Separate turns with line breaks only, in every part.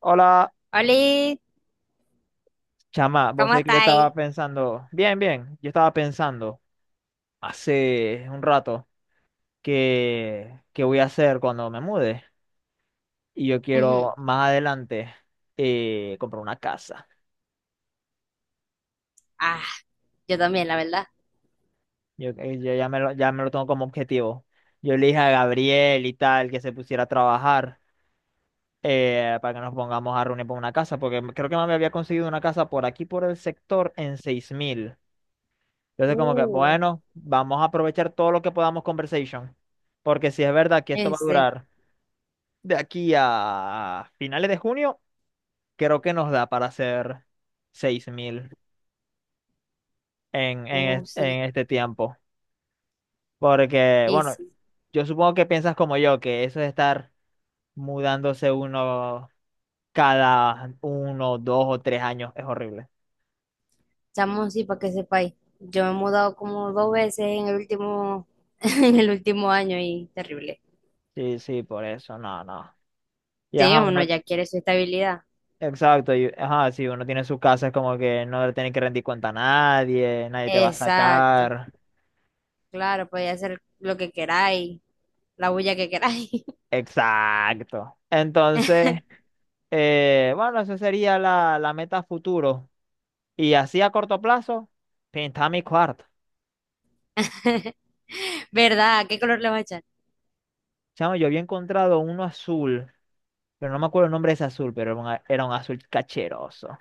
Hola,
Oli,
chama, vos
¿cómo
sé que yo estaba
estáis?
pensando, hace un rato que voy a hacer cuando me mude y yo
Ujú.
quiero más adelante, comprar una casa.
Ah, yo también, la verdad.
Yo ya me lo tengo como objetivo. Yo le dije a Gabriel y tal que se pusiera a trabajar, para que nos pongamos a reunir por una casa, porque creo que me había conseguido una casa por aquí, por el sector, en 6.000. Entonces, como que,
Uh,
bueno, vamos a aprovechar todo lo que podamos conversation. Porque si es verdad que esto va a
ese,
durar de aquí a finales de junio, creo que nos da para hacer 6.000 en, en, es-
oh, sí,
en este tiempo. Porque,
y
bueno,
sí.
yo supongo que piensas como yo, que eso es estar mudándose uno cada uno, 2 o 3 años es horrible.
Chamo, sí, para que sepáis. Yo me he mudado como dos veces en el último, en el último año y terrible.
Sí, sí, por eso, no, no. Y
Sí,
ajá,
uno
uno.
ya quiere su estabilidad.
Exacto, y, ajá, si uno tiene su casa es como que no le tiene que rendir cuenta a nadie, nadie te va a
Exacto.
sacar.
Claro, podéis hacer lo que queráis, la bulla que queráis.
Exacto. Entonces, bueno, esa sería la meta a futuro. Y así a corto plazo, pintaba mi cuarto.
¿Verdad? ¿Qué color le va a echar?
Chamo, yo había encontrado uno azul, pero no me acuerdo el nombre de ese azul, pero era un azul cacheroso.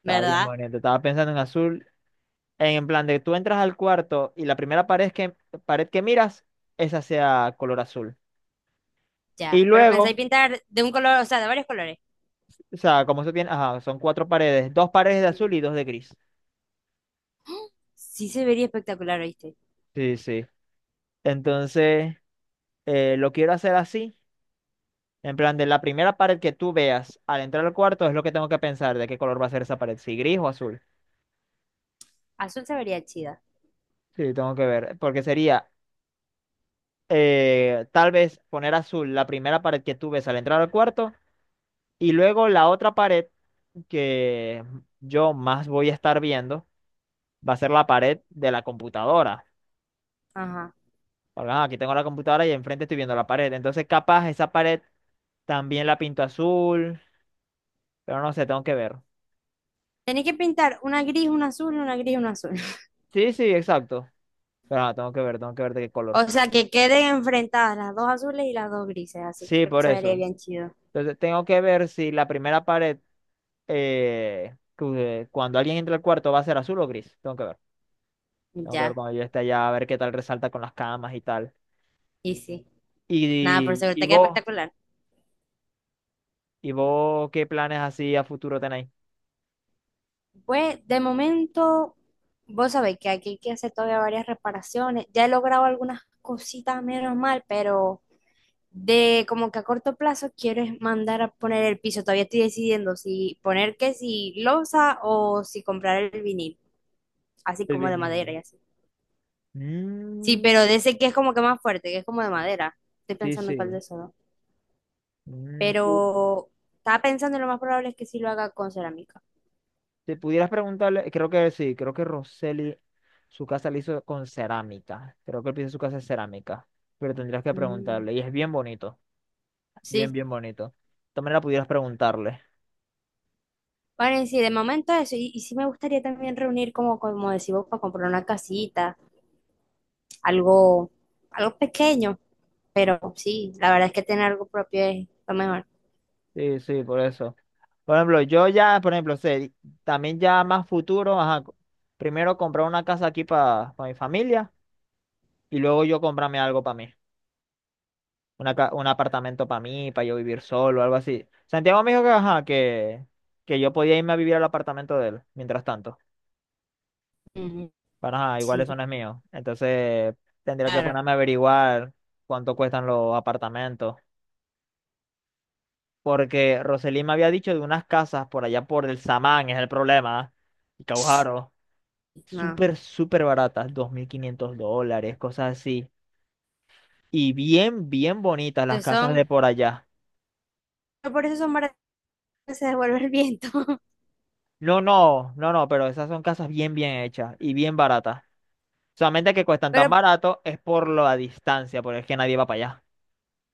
Estaba bien
¿Verdad?
bonito, estaba pensando en azul, en plan de tú entras al cuarto y la primera pared que miras, esa sea color azul. Y
Ya. Pero pensáis
luego.
pintar de un color, o sea, de varios colores.
O sea, como eso tiene, ajá, son cuatro paredes, dos paredes de azul
Ujú.
y dos de gris.
Sí se vería espectacular, ¿oíste?
Sí, sí. Entonces, lo quiero hacer así, en plan de la primera pared que tú veas al entrar al cuarto es lo que tengo que pensar de qué color va a ser esa pared, si gris o azul.
Azul se vería chida.
Sí, tengo que ver, porque sería, tal vez poner azul la primera pared que tú ves al entrar al cuarto y luego la otra pared que yo más voy a estar viendo va a ser la pared de la computadora.
Ajá.
Ah, aquí tengo la computadora y enfrente estoy viendo la pared. Entonces, capaz esa pared también la pinto azul, pero no sé, tengo que ver.
Tenéis que pintar una gris, una azul, una gris, una azul.
Sí, sí, exacto. Pero tengo que ver de qué
O
color.
sea, que queden enfrentadas las dos azules y las dos grises, así.
Sí,
Creo que
por
se vería
eso.
bien chido.
Entonces, tengo que ver si la primera pared, cuando alguien entre al cuarto, va a ser azul o gris. Tengo que ver. Tengo que ver
Ya,
cuando yo esté allá, a ver qué tal resalta con las camas y tal.
y sí. Nada, por
Y,
seguro,
y
te queda
vos,
espectacular.
y vos, ¿qué planes así a futuro tenéis?
Pues, de momento, vos sabéis que aquí hay que hacer todavía varias reparaciones. Ya he logrado algunas cositas, menos mal, pero de como que a corto plazo quiero es mandar a poner el piso. Todavía estoy decidiendo si poner que si losa o si comprar el vinil, así
El
como de madera
vinil.
y así. Sí,
Mm,
pero de ese que es como que más fuerte, que es como de madera. Estoy
sí,
pensando en cuál de
sí.
esos dos.
Mm, fu-
Pero estaba pensando y lo más probable es que sí lo haga con cerámica.
Si pudieras preguntarle, creo que sí, creo que Roseli, su casa la hizo con cerámica. Creo que el piso de su casa es cerámica. Pero tendrías que
Mm,
preguntarle. Y es bien bonito. Bien,
sí.
bien bonito. También la pudieras preguntarle.
Bueno, y sí, de momento eso. Y sí me gustaría también reunir como, como decís vos, para comprar una casita, algo, algo pequeño. Pero sí, la verdad es que tener algo propio es lo mejor.
Sí, sí, por eso. Por ejemplo, yo ya, por ejemplo, sé, también ya más futuro, ajá, primero comprar una casa aquí para mi familia y luego yo comprarme algo para mí. Un apartamento para mí, para yo vivir solo, algo así. Santiago me dijo que, ajá, que yo podía irme a vivir al apartamento de él, mientras tanto.
Ujú,
Bueno, ajá, iguales son
sí,
los míos. Entonces tendría que
claro.
ponerme a averiguar cuánto cuestan los apartamentos. Porque Roselín me había dicho de unas casas por allá por el Samán, es el problema. Y Caujaro.
No.
Súper, súper baratas, $2.500, cosas así. Y bien, bien bonitas las
Entonces
casas de
son,
por allá.
pero por eso son baratas, se devuelve el viento.
No, no, no, no, pero esas son casas bien, bien hechas y bien baratas. Solamente que cuestan tan
Pero
barato es por la distancia, porque es que nadie va para allá.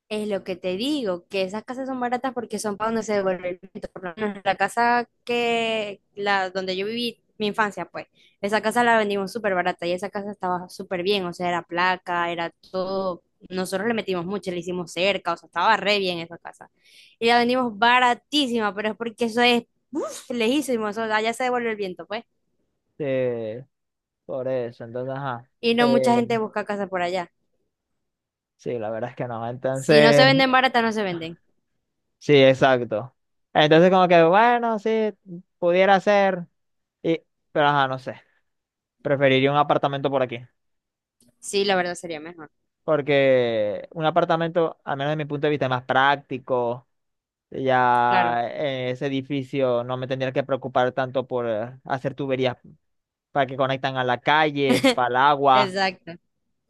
es lo que te digo, que esas casas son baratas porque son para donde se devuelve el viento. Por lo menos la casa que, la, donde yo viví mi infancia, pues, esa casa la vendimos súper barata y esa casa estaba súper bien, o sea, era placa, era todo. Nosotros le metimos mucho, le hicimos cerca, o sea, estaba re bien esa casa. Y la vendimos baratísima, pero es porque eso es, uf, lejísimo, eso, allá se devuelve el viento, pues.
Sí, por eso, entonces, ajá.
Y no mucha
eh,
gente busca casa por allá.
Sí, la verdad es que no.
Si no se
Entonces,
venden baratas, no se venden.
sí, exacto. Entonces, como que, bueno, sí, pudiera ser. Y, pero ajá, no sé. Preferiría un apartamento por aquí.
Sí, la verdad sería mejor,
Porque un apartamento, al menos de mi punto de vista, es más práctico.
claro.
Ya en ese edificio no me tendría que preocupar tanto por, hacer tuberías para que conectan a la calle, para el agua,
Exacto.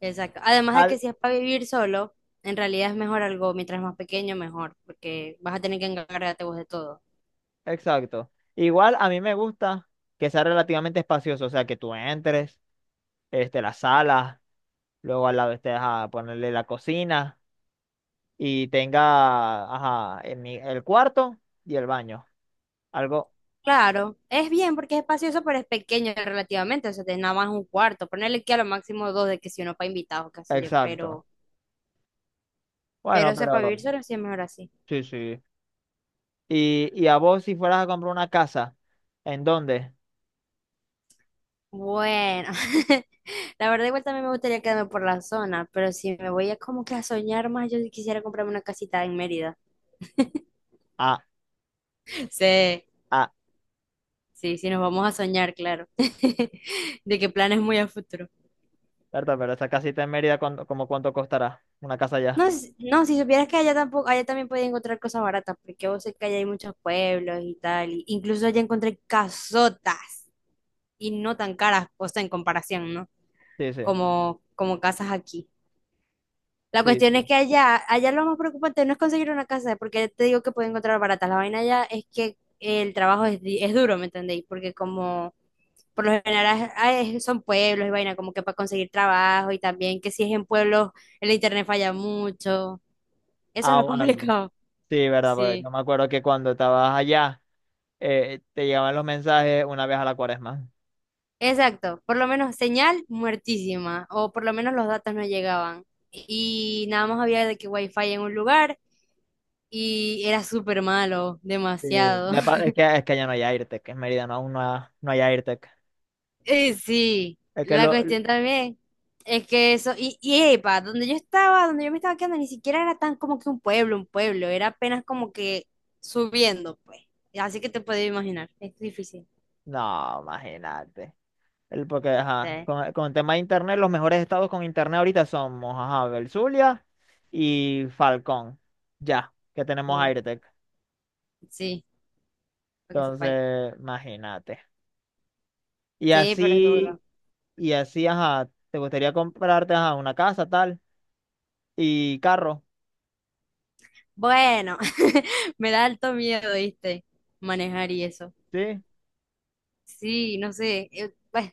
Exacto. Además de
tal.
que si es para vivir solo, en realidad es mejor algo, mientras más pequeño, mejor, porque vas a tener que encargarte vos de todo.
Exacto. Igual a mí me gusta que sea relativamente espacioso, o sea, que tú entres, este, la sala. Luego al lado esté, ajá, ponerle la cocina y tenga, ajá, el, ni- el cuarto y el baño. Algo.
Claro, es bien porque es espacioso, pero es pequeño relativamente, o sea, tenés nada más un cuarto, ponerle que a lo máximo dos de que si uno para invitados, qué sé yo,
Exacto.
pero,
Bueno,
o sea, para
pero
vivir solo sí es mejor así.
sí, sí. Y a vos si fueras a comprar una casa, ¿en dónde?
Bueno, la verdad igual también me gustaría quedarme por la zona, pero si me voy a como que a soñar más, yo sí quisiera comprarme una casita en Mérida.
Ah,
Sí,
ah,
sí, sí, nos vamos a soñar, claro, de que planes muy a futuro.
verdad, pero esa casita en Mérida, ¿como cuánto costará? Una casa allá.
No, no, si supieras que allá tampoco, allá también podía encontrar cosas baratas, porque vos sé que allá hay muchos pueblos y tal, y incluso allá encontré casotas y no tan caras, o sea, en comparación, ¿no?
Sí, sí,
Como, como casas aquí. La
sí,
cuestión
sí.
es que allá, allá lo más preocupante no es conseguir una casa, porque te digo que puedo encontrar baratas. La vaina allá es que el trabajo es, es duro, ¿me entendéis? Porque como por lo general son pueblos y vaina, como que para conseguir trabajo y también que si es en pueblos el internet falla mucho. Eso es
Ah,
lo
bueno.
complicado.
Sí, verdad, pues
Sí,
yo me acuerdo que cuando estabas allá, te llegaban los mensajes una vez a la cuaresma.
exacto. Por lo menos señal muertísima, o por lo menos los datos no llegaban. Y nada más había de que wifi en un lugar y era súper malo,
Sí,
demasiado.
ya es que, es que ya no hay AirTech, en Mérida no, aún no, no hay AirTech.
Sí,
Es que
la
lo.
cuestión también es que eso, y epa, donde yo estaba, donde yo me estaba quedando, ni siquiera era tan como que un pueblo, era apenas como que subiendo, pues. Así que te puedes imaginar, es difícil.
No, imagínate. Porque, ajá,
Sí,
con el tema de internet, los mejores estados con internet ahorita somos, ajá, Belzulia y Falcón. Ya, que tenemos
uh,
AirTech.
sí, para que sepáis.
Entonces, imagínate. Y
Sí, pero es
así,
duro.
y así, ajá, te gustaría comprarte, ajá, una casa, tal, y carro,
Bueno. Me da alto miedo, ¿viste? Manejar y eso.
¿sí?
Sí, no sé. Pues,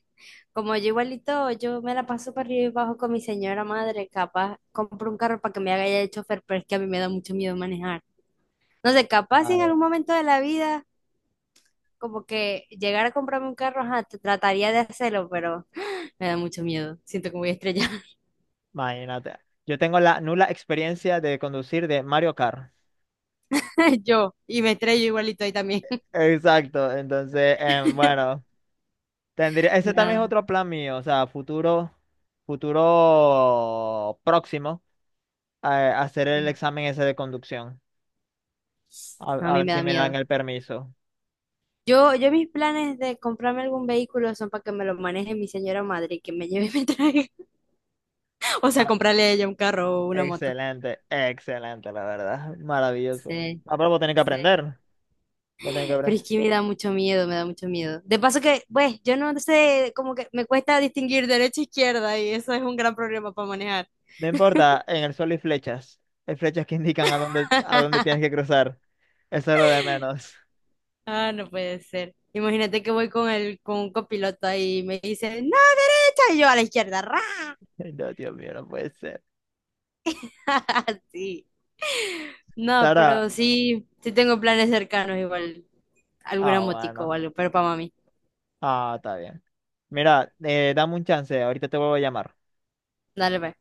como yo igualito, yo me la paso para arriba y abajo con mi señora madre. Capaz compro un carro para que me haga ya de chofer, pero es que a mí me da mucho miedo manejar. No sé, capaz si
Ah,
en
ya.
algún momento de la vida, como que llegar a comprarme un carro, ajá, trataría de hacerlo, pero me da mucho miedo. Siento que me voy a estrellar
Imagínate. Yo tengo la nula experiencia de conducir de Mario Kart.
yo y me estrello igualito ahí también.
Exacto, entonces, bueno, tendría, ese también es
Nada,
otro plan mío, o sea, futuro, futuro próximo, hacer el examen ese de conducción, a,
no, a
a
mí
ver
me
si
da
me dan
miedo.
el permiso.
Yo mis planes de comprarme algún vehículo son para que me lo maneje mi señora madre, y que me lleve y me traiga. O sea,
Ma-
comprarle a ella un carro o una moto.
Excelente, excelente, la verdad, maravilloso.
Sí,
Ah, pero vos tenés que
sí.
aprender, vos tenés que aprender.
Pero es que me da mucho miedo, me da mucho miedo. De paso que, pues, yo no sé, como que me cuesta distinguir derecha e izquierda y eso es un gran problema para manejar.
No importa, en el sol hay flechas que indican a dónde tienes que cruzar, eso es lo de menos.
Ah, no puede ser. Imagínate que voy con el, con un copiloto ahí y me dice, no, derecha, y yo a la izquierda, ra.
No, Dios mío, no puede ser.
Sí. No,
Sara,
pero sí, sí tengo planes cercanos, igual
ah,
algún motico o
bueno,
algo, pero para mami.
ah, está bien. Mira, dame un chance, ahorita te vuelvo a llamar.
Dale, pues.